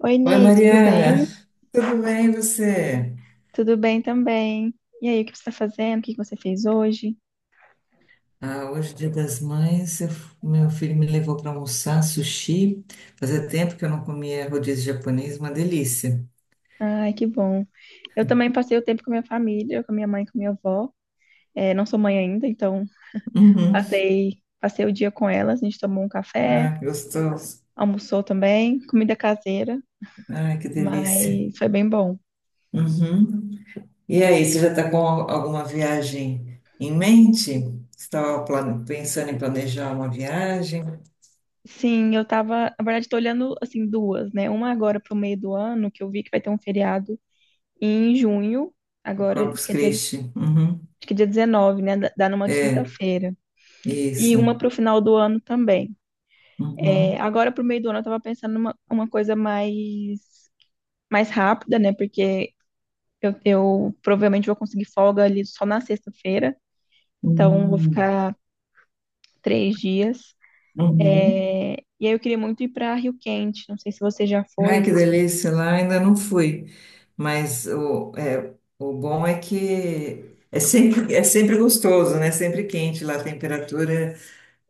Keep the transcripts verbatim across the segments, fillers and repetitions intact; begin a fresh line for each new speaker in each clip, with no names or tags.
Oi,
Oi,
Ney, tudo
Mariana,
bem?
tudo bem e você?
Tudo bem também. E aí, o que você está fazendo? O que que você fez hoje?
Ah, hoje, Dia das Mães, eu- meu filho me levou para almoçar sushi. Fazia tempo que eu não comia rodízio japonês, uma delícia.
Ai, que bom. Eu também passei o tempo com minha família, com minha mãe, com minha avó. É, não sou mãe ainda, então
Uhum.
passei, passei o dia com elas. A gente tomou um café,
Ah, que gostoso.
almoçou também, comida caseira,
Ah, que delícia.
mas foi bem bom.
Uhum. E aí, você já está com al- alguma viagem em mente? Você estava plane- pensando em planejar uma viagem?
Sim, eu tava, na verdade, tô olhando assim duas, né? Uma agora pro meio do ano, que eu vi que vai ter um feriado em junho, agora, acho
Corpus
que é dia, acho
Christi. Uhum.
que é dia dezenove, né? Dá dá numa
É,
quinta-feira. E
isso.
uma para o final do ano também. É,
Uhum.
agora, para o meio do ano, eu estava pensando numa uma coisa mais, mais rápida, né? Porque eu, eu provavelmente vou conseguir folga ali só na sexta-feira, então vou
Uhum.
ficar três dias.
Uhum.
É, e aí eu queria muito ir para Rio Quente, não sei se você já
Ai,
foi.
que delícia, lá ainda não fui, mas o, é, o bom é que é sempre, é sempre gostoso, né? Sempre quente lá, a temperatura.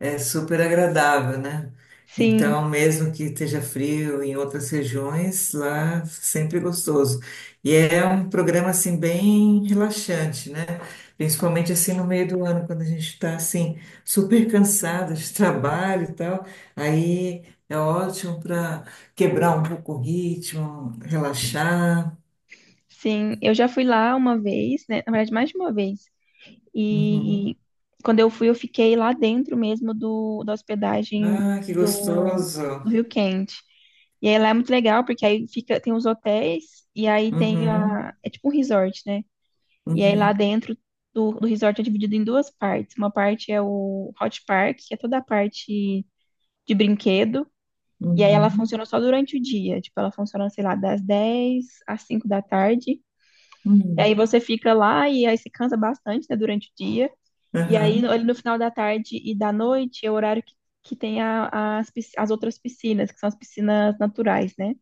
É super agradável, né?
Sim,
Então, mesmo que esteja frio em outras regiões, lá sempre gostoso. E é um programa assim bem relaxante, né? Principalmente assim no meio do ano, quando a gente está assim super cansada de trabalho e tal, aí é ótimo para quebrar um pouco o ritmo, relaxar.
sim, eu já fui lá uma vez, né? Na verdade, mais de uma vez.
Uhum.
E quando eu fui, eu fiquei lá dentro mesmo do, da hospedagem
Ah, que
do, do
gostoso.
Rio Quente. E aí lá é muito legal, porque aí fica, tem os hotéis e aí tem a.
Uhum.
É tipo um resort, né? E aí
Uhum.
lá dentro do, do resort é dividido em duas partes. Uma parte é o Hot Park, que é toda a parte de brinquedo. E aí ela
Uhum.
funciona só durante o dia. Tipo, ela funciona, sei lá, das dez às cinco da tarde. E aí
Uhum.
você fica lá e aí se cansa bastante, né, durante o dia. E aí, no-
Uhum.
ali no final da tarde e da noite, é o horário que, que tem a- as, pis- as outras piscinas, que são as piscinas naturais, né?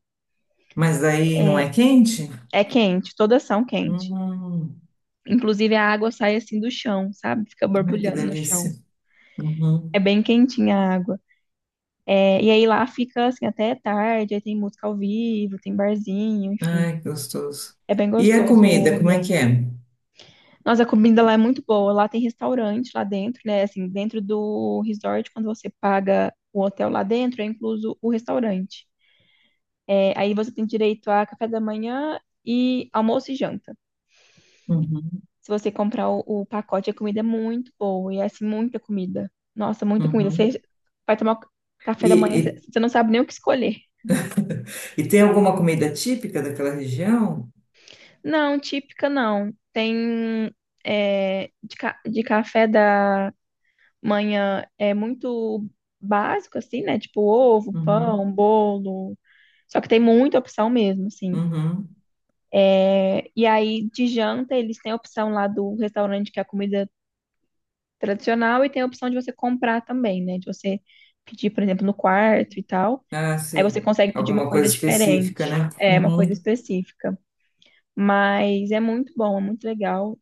Mas daí não é quente?
É quente, todas são quentes.
Hum,
Inclusive, a água sai assim do chão, sabe? Fica
ai, que
borbulhando no chão.
delícia. Uhum.
É bem quentinha a água. É, e aí lá fica assim até tarde, aí tem música ao vivo, tem barzinho, enfim.
Ai, que gostoso.
É bem
E a
gostoso o
comida, como é que é?
ambiente. Nossa, a comida lá é muito boa. Lá tem restaurante lá dentro, né? Assim, dentro do resort, quando você paga o hotel lá dentro, é incluso o restaurante. É, aí você tem direito a café da manhã e almoço e janta.
Uhum,
Se você comprar o, o pacote, a comida é muito boa. E é assim, muita comida. Nossa, muita comida.
uhum.
Você vai tomar café
E,
da manhã, você
e,
você não sabe nem o que escolher.
e tem alguma comida típica daquela região?
Não, típica não. Tem é, de, ca- de café da manhã é muito básico, assim, né? Tipo ovo, pão,
Uhum,
bolo. Só que tem muita opção mesmo, assim.
uhum.
É, e aí, de janta, eles têm a opção lá do restaurante, que é a comida tradicional, e tem a opção de você comprar também, né? De você pedir, por exemplo, no quarto e tal.
Ah,
Aí você
sei.
consegue pedir uma
Alguma
coisa
coisa específica,
diferente,
né?
é uma
Uhum.
coisa específica. Mas é muito bom, é muito legal.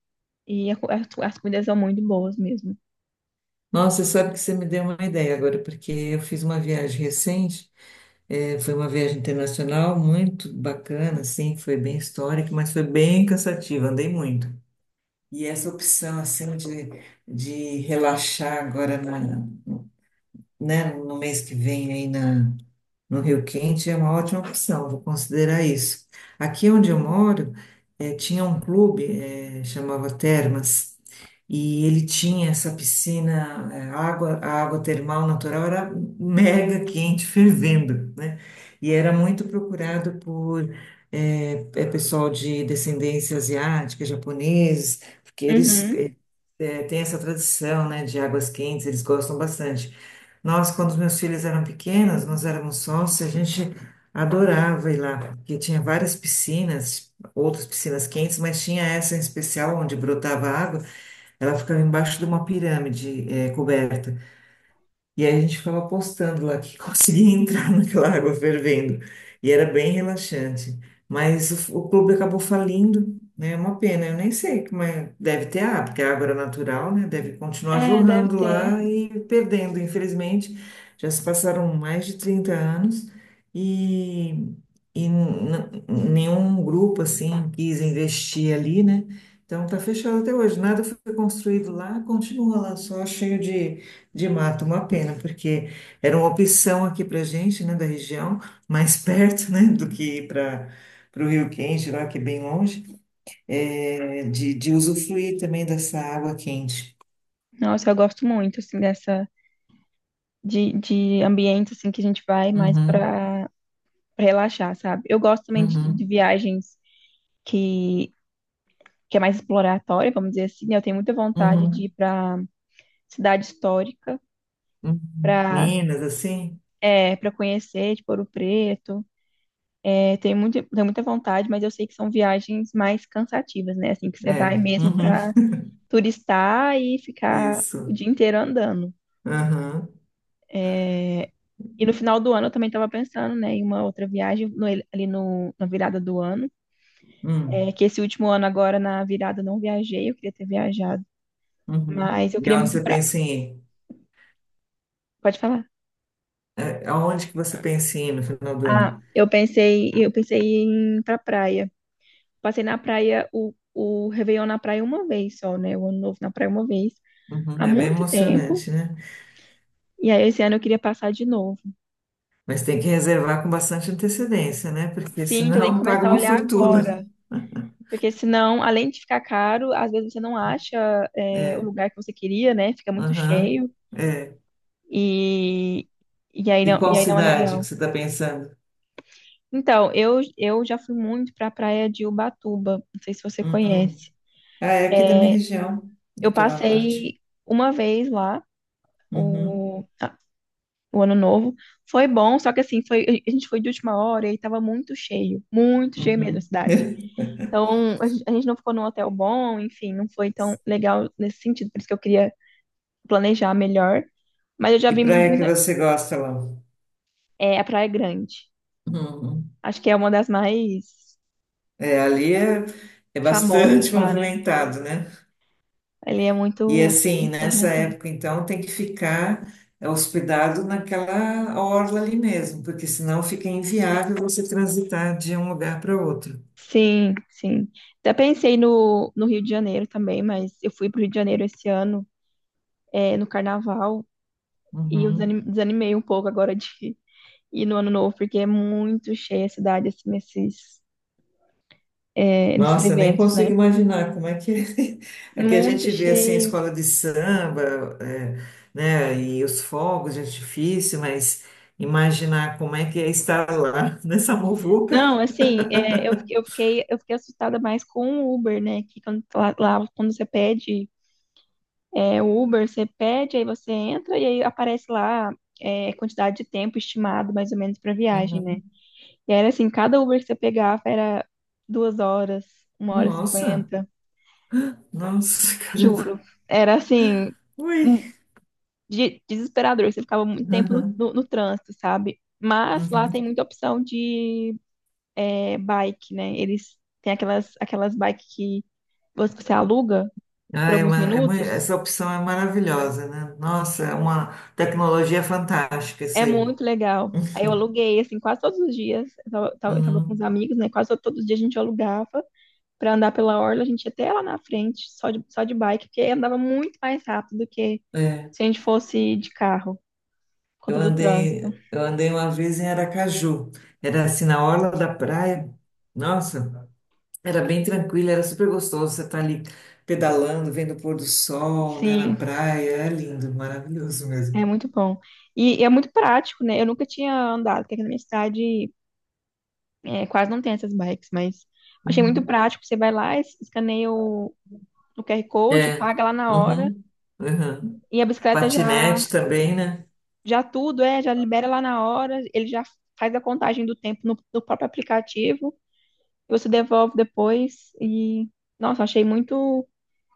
E a co- as, as comidas são muito boas mesmo.
Nossa, sabe que você me deu uma ideia agora, porque eu fiz uma viagem recente, eh, foi uma viagem internacional muito bacana, assim, foi bem histórica, mas foi bem cansativa, andei muito. E essa opção assim de, de relaxar agora na, né, no mês que vem aí na, no Rio Quente é uma ótima opção, vou considerar isso. Aqui onde eu moro, eh, tinha um clube, eh, chamava Termas, e ele tinha essa piscina, eh, água, a água termal natural era mega quente, fervendo, né? E era muito procurado por eh, eh, pessoal de descendência asiática, japoneses, porque eles
Uhum.
é, tem essa tradição, né, de águas quentes, eles gostam bastante. Nós, quando os meus filhos eram pequenos, nós éramos sócios, a gente adorava ir lá, porque tinha várias piscinas, outras piscinas quentes, mas tinha essa em especial onde brotava água, ela ficava embaixo de uma pirâmide, é, coberta. E aí a gente ficava apostando lá que conseguia entrar naquela água fervendo. E era bem relaxante. Mas o, o clube acabou falindo, né? É uma pena. Eu nem sei como é. Deve ter água, porque a água era natural, né? Deve continuar
É, deve
jorrando
ter.
lá e perdendo, infelizmente. Já se passaram mais de trinta anos e, e n- n- nenhum grupo, assim, quis investir ali, né? Então tá fechado até hoje. Nada foi construído lá, continua lá só cheio de de mato, uma pena, porque era uma opção aqui para gente, né, da região, mais perto, né, do que ir para o Rio Quente, lá que é bem longe, é, de, de usufruir também dessa água quente.
Nossa, eu gosto muito, assim, dessa, de, de ambiente, assim, que a gente vai mais
Uhum,
pra, pra relaxar, sabe? Eu gosto também de, de
uhum,
viagens que, que é mais exploratória, vamos dizer assim, né? Eu tenho muita vontade de ir
uhum,
para cidade histórica,
uhum.
para
Minas, assim?
é, para conhecer, tipo, Ouro Preto. É, tenho muito, tenho muita vontade, mas eu sei que são viagens mais cansativas, né? Assim, que você
É,
vai mesmo
uhum,
para turistar e ficar o
isso.
dia inteiro andando.
Uhum,
E no final do ano eu também estava pensando, né, em uma outra viagem no- ali no, na virada do ano. É,
hum,
que esse último ano agora na virada eu não viajei, eu queria ter viajado.
uhum.
Mas eu
E
queria
aonde
muito ir
você
pra...
pensa em ir?
Pode falar.
É, aonde que você pensa em ir no final do ano?
Ah, eu pensei, eu pensei em ir pra praia. Passei na praia, o, o Réveillon na praia uma vez só, né? O Ano Novo na praia uma vez,
Uhum,
há
é bem
muito tempo.
emocionante, né?
E aí esse ano eu queria passar de novo.
Mas tem que reservar com bastante antecedência, né? Porque
Sim, então tem que
senão paga
começar a
uma
olhar
fortuna.
agora. Porque senão, além de ficar caro, às vezes você não acha, é, o
É,
lugar que você queria, né? Fica muito
aham,
cheio
é.
e, e aí
E
não,
qual
e aí não é
cidade que
legal.
você está pensando?
Então, eu, eu já fui muito pra praia de Ubatuba. Não sei se você
Uhum.
conhece.
Ah, é aqui da minha
É,
região,
eu
Litoral Norte.
passei uma vez lá.
Uhum,
o, a- o ano novo. Foi bom, só que assim, foi, a gente foi de última hora e aí tava muito cheio, muito cheio mesmo a
uhum.
cidade. Então, a gen- a gente não ficou num hotel bom, enfim, não foi tão legal nesse sentido, por isso que eu queria planejar melhor. Mas eu já
Que
vi mu-
praia que
muita.
você gosta, lá?
É, a Praia Grande.
Uhum.
Acho que é uma das mais
É, ali é, é
famosas
bastante
lá, né?
movimentado, né?
Ali é
E
muito,
assim,
muito
nessa
movimentada.
época, então, tem que ficar eh, hospedado naquela orla ali mesmo, porque senão fica inviável você transitar de um lugar para outro.
Sim, sim. Até pensei no, no Rio de Janeiro também, mas eu fui pro Rio de Janeiro esse ano, é, no Carnaval. E eu
Uhum.
desani- desanimei um pouco agora de ir no ano novo, porque é muito cheia a cidade, assim, nesses, é, nesses
Nossa, nem
eventos,
consigo
né?
imaginar como é que é que a
Muito
gente vê assim a
cheio.
escola de samba, é, né, e os fogos de artifício, mas imaginar como é que é estar lá nessa muvuca.
Não, assim, é, eu, fiquei- eu fiquei, eu fiquei assustada mais com o Uber, né? Que quando, tá lá, lá quando você pede é, o Uber, você pede, aí você entra e aí aparece lá é, quantidade de tempo estimado, mais ou menos, para viagem, né?
Uhum.
E era assim, cada Uber que você pegava era duas horas, uma hora e
Nossa,
cinquenta,
nossa, caramba.
juro. Era assim
Ui.
um de- desesperador, você ficava muito tempo no,
Uhum.
no, no trânsito, sabe? Mas lá tem
Uhum.
muita opção de é, bike, né? Eles têm aquelas, aquelas bikes que você você aluga por
Ah, é
alguns
uma, é mui-
minutos.
essa opção é maravilhosa, né? Nossa, é uma tecnologia fantástica isso
É
aí.
muito legal. Aí eu aluguei, assim, quase todos os dias. Eu tava, tava- eu tava com os
Uhum.
amigos, né? Quase todos os dias a gente alugava pra andar pela orla. A gente ia até lá na frente, só de, só de bike, porque andava muito mais rápido do que
É,
se a gente fosse de carro, por
eu
conta do trânsito.
andei, eu andei uma vez em Aracaju. Era assim na orla da praia. Nossa, era bem tranquilo, era super gostoso. Você tá ali pedalando, vendo o pôr do sol, né, na
Sim.
praia. É lindo, maravilhoso
É
mesmo.
muito bom. E, e é muito prático, né? Eu nunca tinha andado, porque aqui na minha cidade é, quase não tem essas bikes, mas achei muito
Uhum.
prático. Você vai lá, es- escaneia o, o Q R Code,
É.
paga lá na hora,
Uhum. Uhum.
e a bicicleta já,
Patinete também, né?
já tudo, é, já libera lá na hora, ele já faz a contagem do tempo no, no próprio aplicativo, e você devolve depois, e, nossa, achei muito,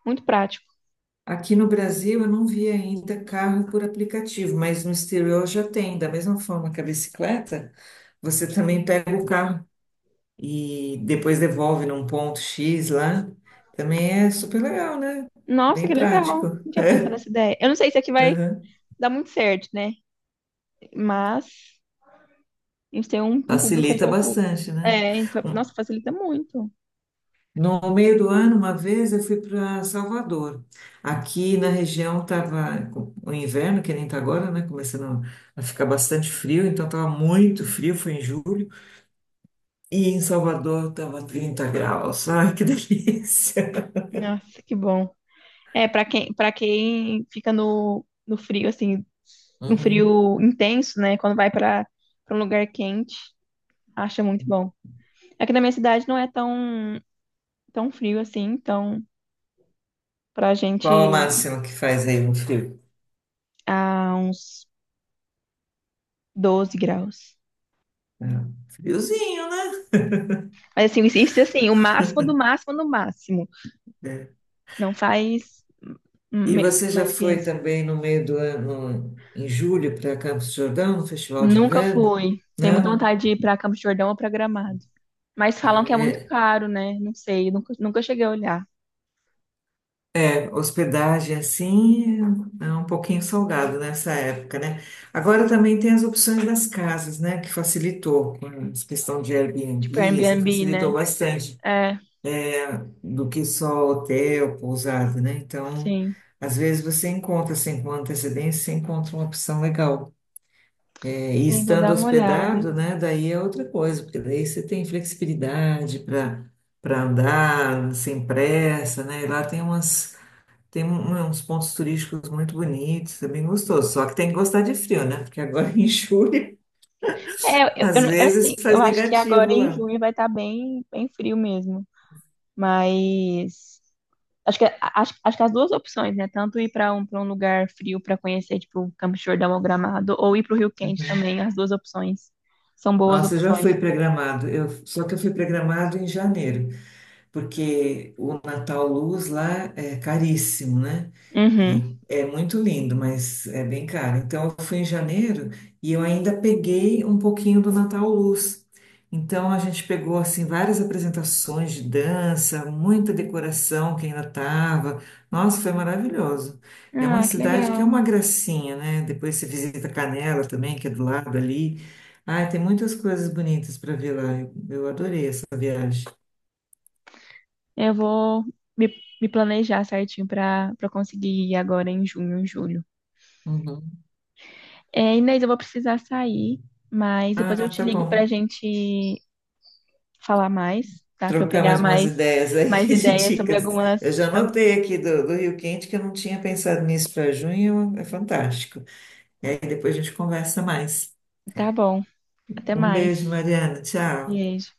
muito prático.
Aqui no Brasil eu não vi ainda carro por aplicativo, mas no exterior já tem. Da mesma forma que a bicicleta, você também pega o carro e depois devolve num ponto X lá. Também é super legal, né?
Nossa,
Bem
que legal.
prático.
Não tinha pensado nessa ideia. Eu não sei se aqui vai
Aham.
dar muito certo, né? Mas. A gente tem um, um público um
Facilita
pouco.
bastante, né?
É, a gente fa-
Um-
nossa, facilita muito.
No meio do ano, uma vez eu fui para Salvador. Aqui na região estava o inverno, que nem está agora, né? Começando a ficar bastante frio, então estava muito frio, foi em julho. E em Salvador estava trinta graus. Ai, que delícia.
Nossa, que bom. É, pra quem, para quem fica no, no frio, assim, no
Uhum.
frio intenso, né? Quando vai pra pra um lugar quente, acha muito bom. Aqui na minha cidade não é tão, tão frio assim, então pra
Qual o
gente
máximo que faz aí no frio?
há uns doze graus.
É, friozinho, né?
Mas assim, isso assim, o máximo do máximo do máximo.
É.
Não faz hum,
E
me-
você já
mais que
foi
isso.
também no meio do ano, em julho, para Campos do Jordão, no Festival de
Nunca
Inverno?
fui. Tenho muita
Não?
vontade de ir para Campos do Jordão ou para Gramado. Mas falam
Ah,
que é muito
é.
caro, né? Não sei, nunca, nunca cheguei a olhar.
É, hospedagem assim é um pouquinho salgado nessa época, né? Agora também tem as opções das casas, né? Que facilitou, com essa questão de
Tipo,
Airbnb, assim,
Airbnb,
facilitou
né?
bastante.
É,
Do que só hotel, pousada, né? Então,
sim.
às vezes você encontra, assim, com antecedência, você encontra uma opção legal. É, e
Sim, vou
estando
dar uma olhada.
hospedado, né? Daí é outra coisa, porque daí você tem flexibilidade para para andar sem pressa, né? E lá tem umas tem um- né, uns pontos turísticos muito bonitos, é bem gostoso. Só que tem que gostar de frio, né? Porque agora em julho,
É, eu,
às
eu é
vezes
assim, eu
faz
acho que agora
negativo
em
lá.
junho vai estar bem, bem frio mesmo. Mas acho que, acho, acho que as duas opções, né? Tanto ir para um, para um lugar frio para conhecer, tipo, Campos do Jordão ou Gramado, ou ir para o Rio Quente
Uhum.
também, as duas opções. São boas
Nossa, eu já fui
opções.
programado. Eu, só que eu fui programado em janeiro. Porque o Natal Luz lá é caríssimo, né?
Uhum.
E é muito lindo, mas é bem caro. Então eu fui em janeiro e eu ainda peguei um pouquinho do Natal Luz. Então a gente pegou assim várias apresentações de dança, muita decoração que ainda estava. Nossa, foi maravilhoso. É uma
Ah, que
cidade que é
legal.
uma gracinha, né? Depois você visita Canela também, que é do lado ali. Ah, tem muitas coisas bonitas para ver lá. Eu, eu adorei essa viagem.
Eu vou me, me planejar certinho para para conseguir ir agora em junho, em julho.
Uhum.
É, Inês, eu vou precisar sair, mas depois eu
Ah,
te
tá
ligo para a
bom.
gente falar mais, tá? Para eu
Trocar
pegar
mais umas
mais
ideias aí
mais
de
ideias sobre
dicas. Eu
algumas.
já
Algu-
anotei aqui do, do Rio Quente que eu não tinha pensado nisso para junho, é fantástico. Aí depois a gente conversa mais.
Tá bom. Até
Um
mais.
beijo, Mariana. Tchau.
Beijo.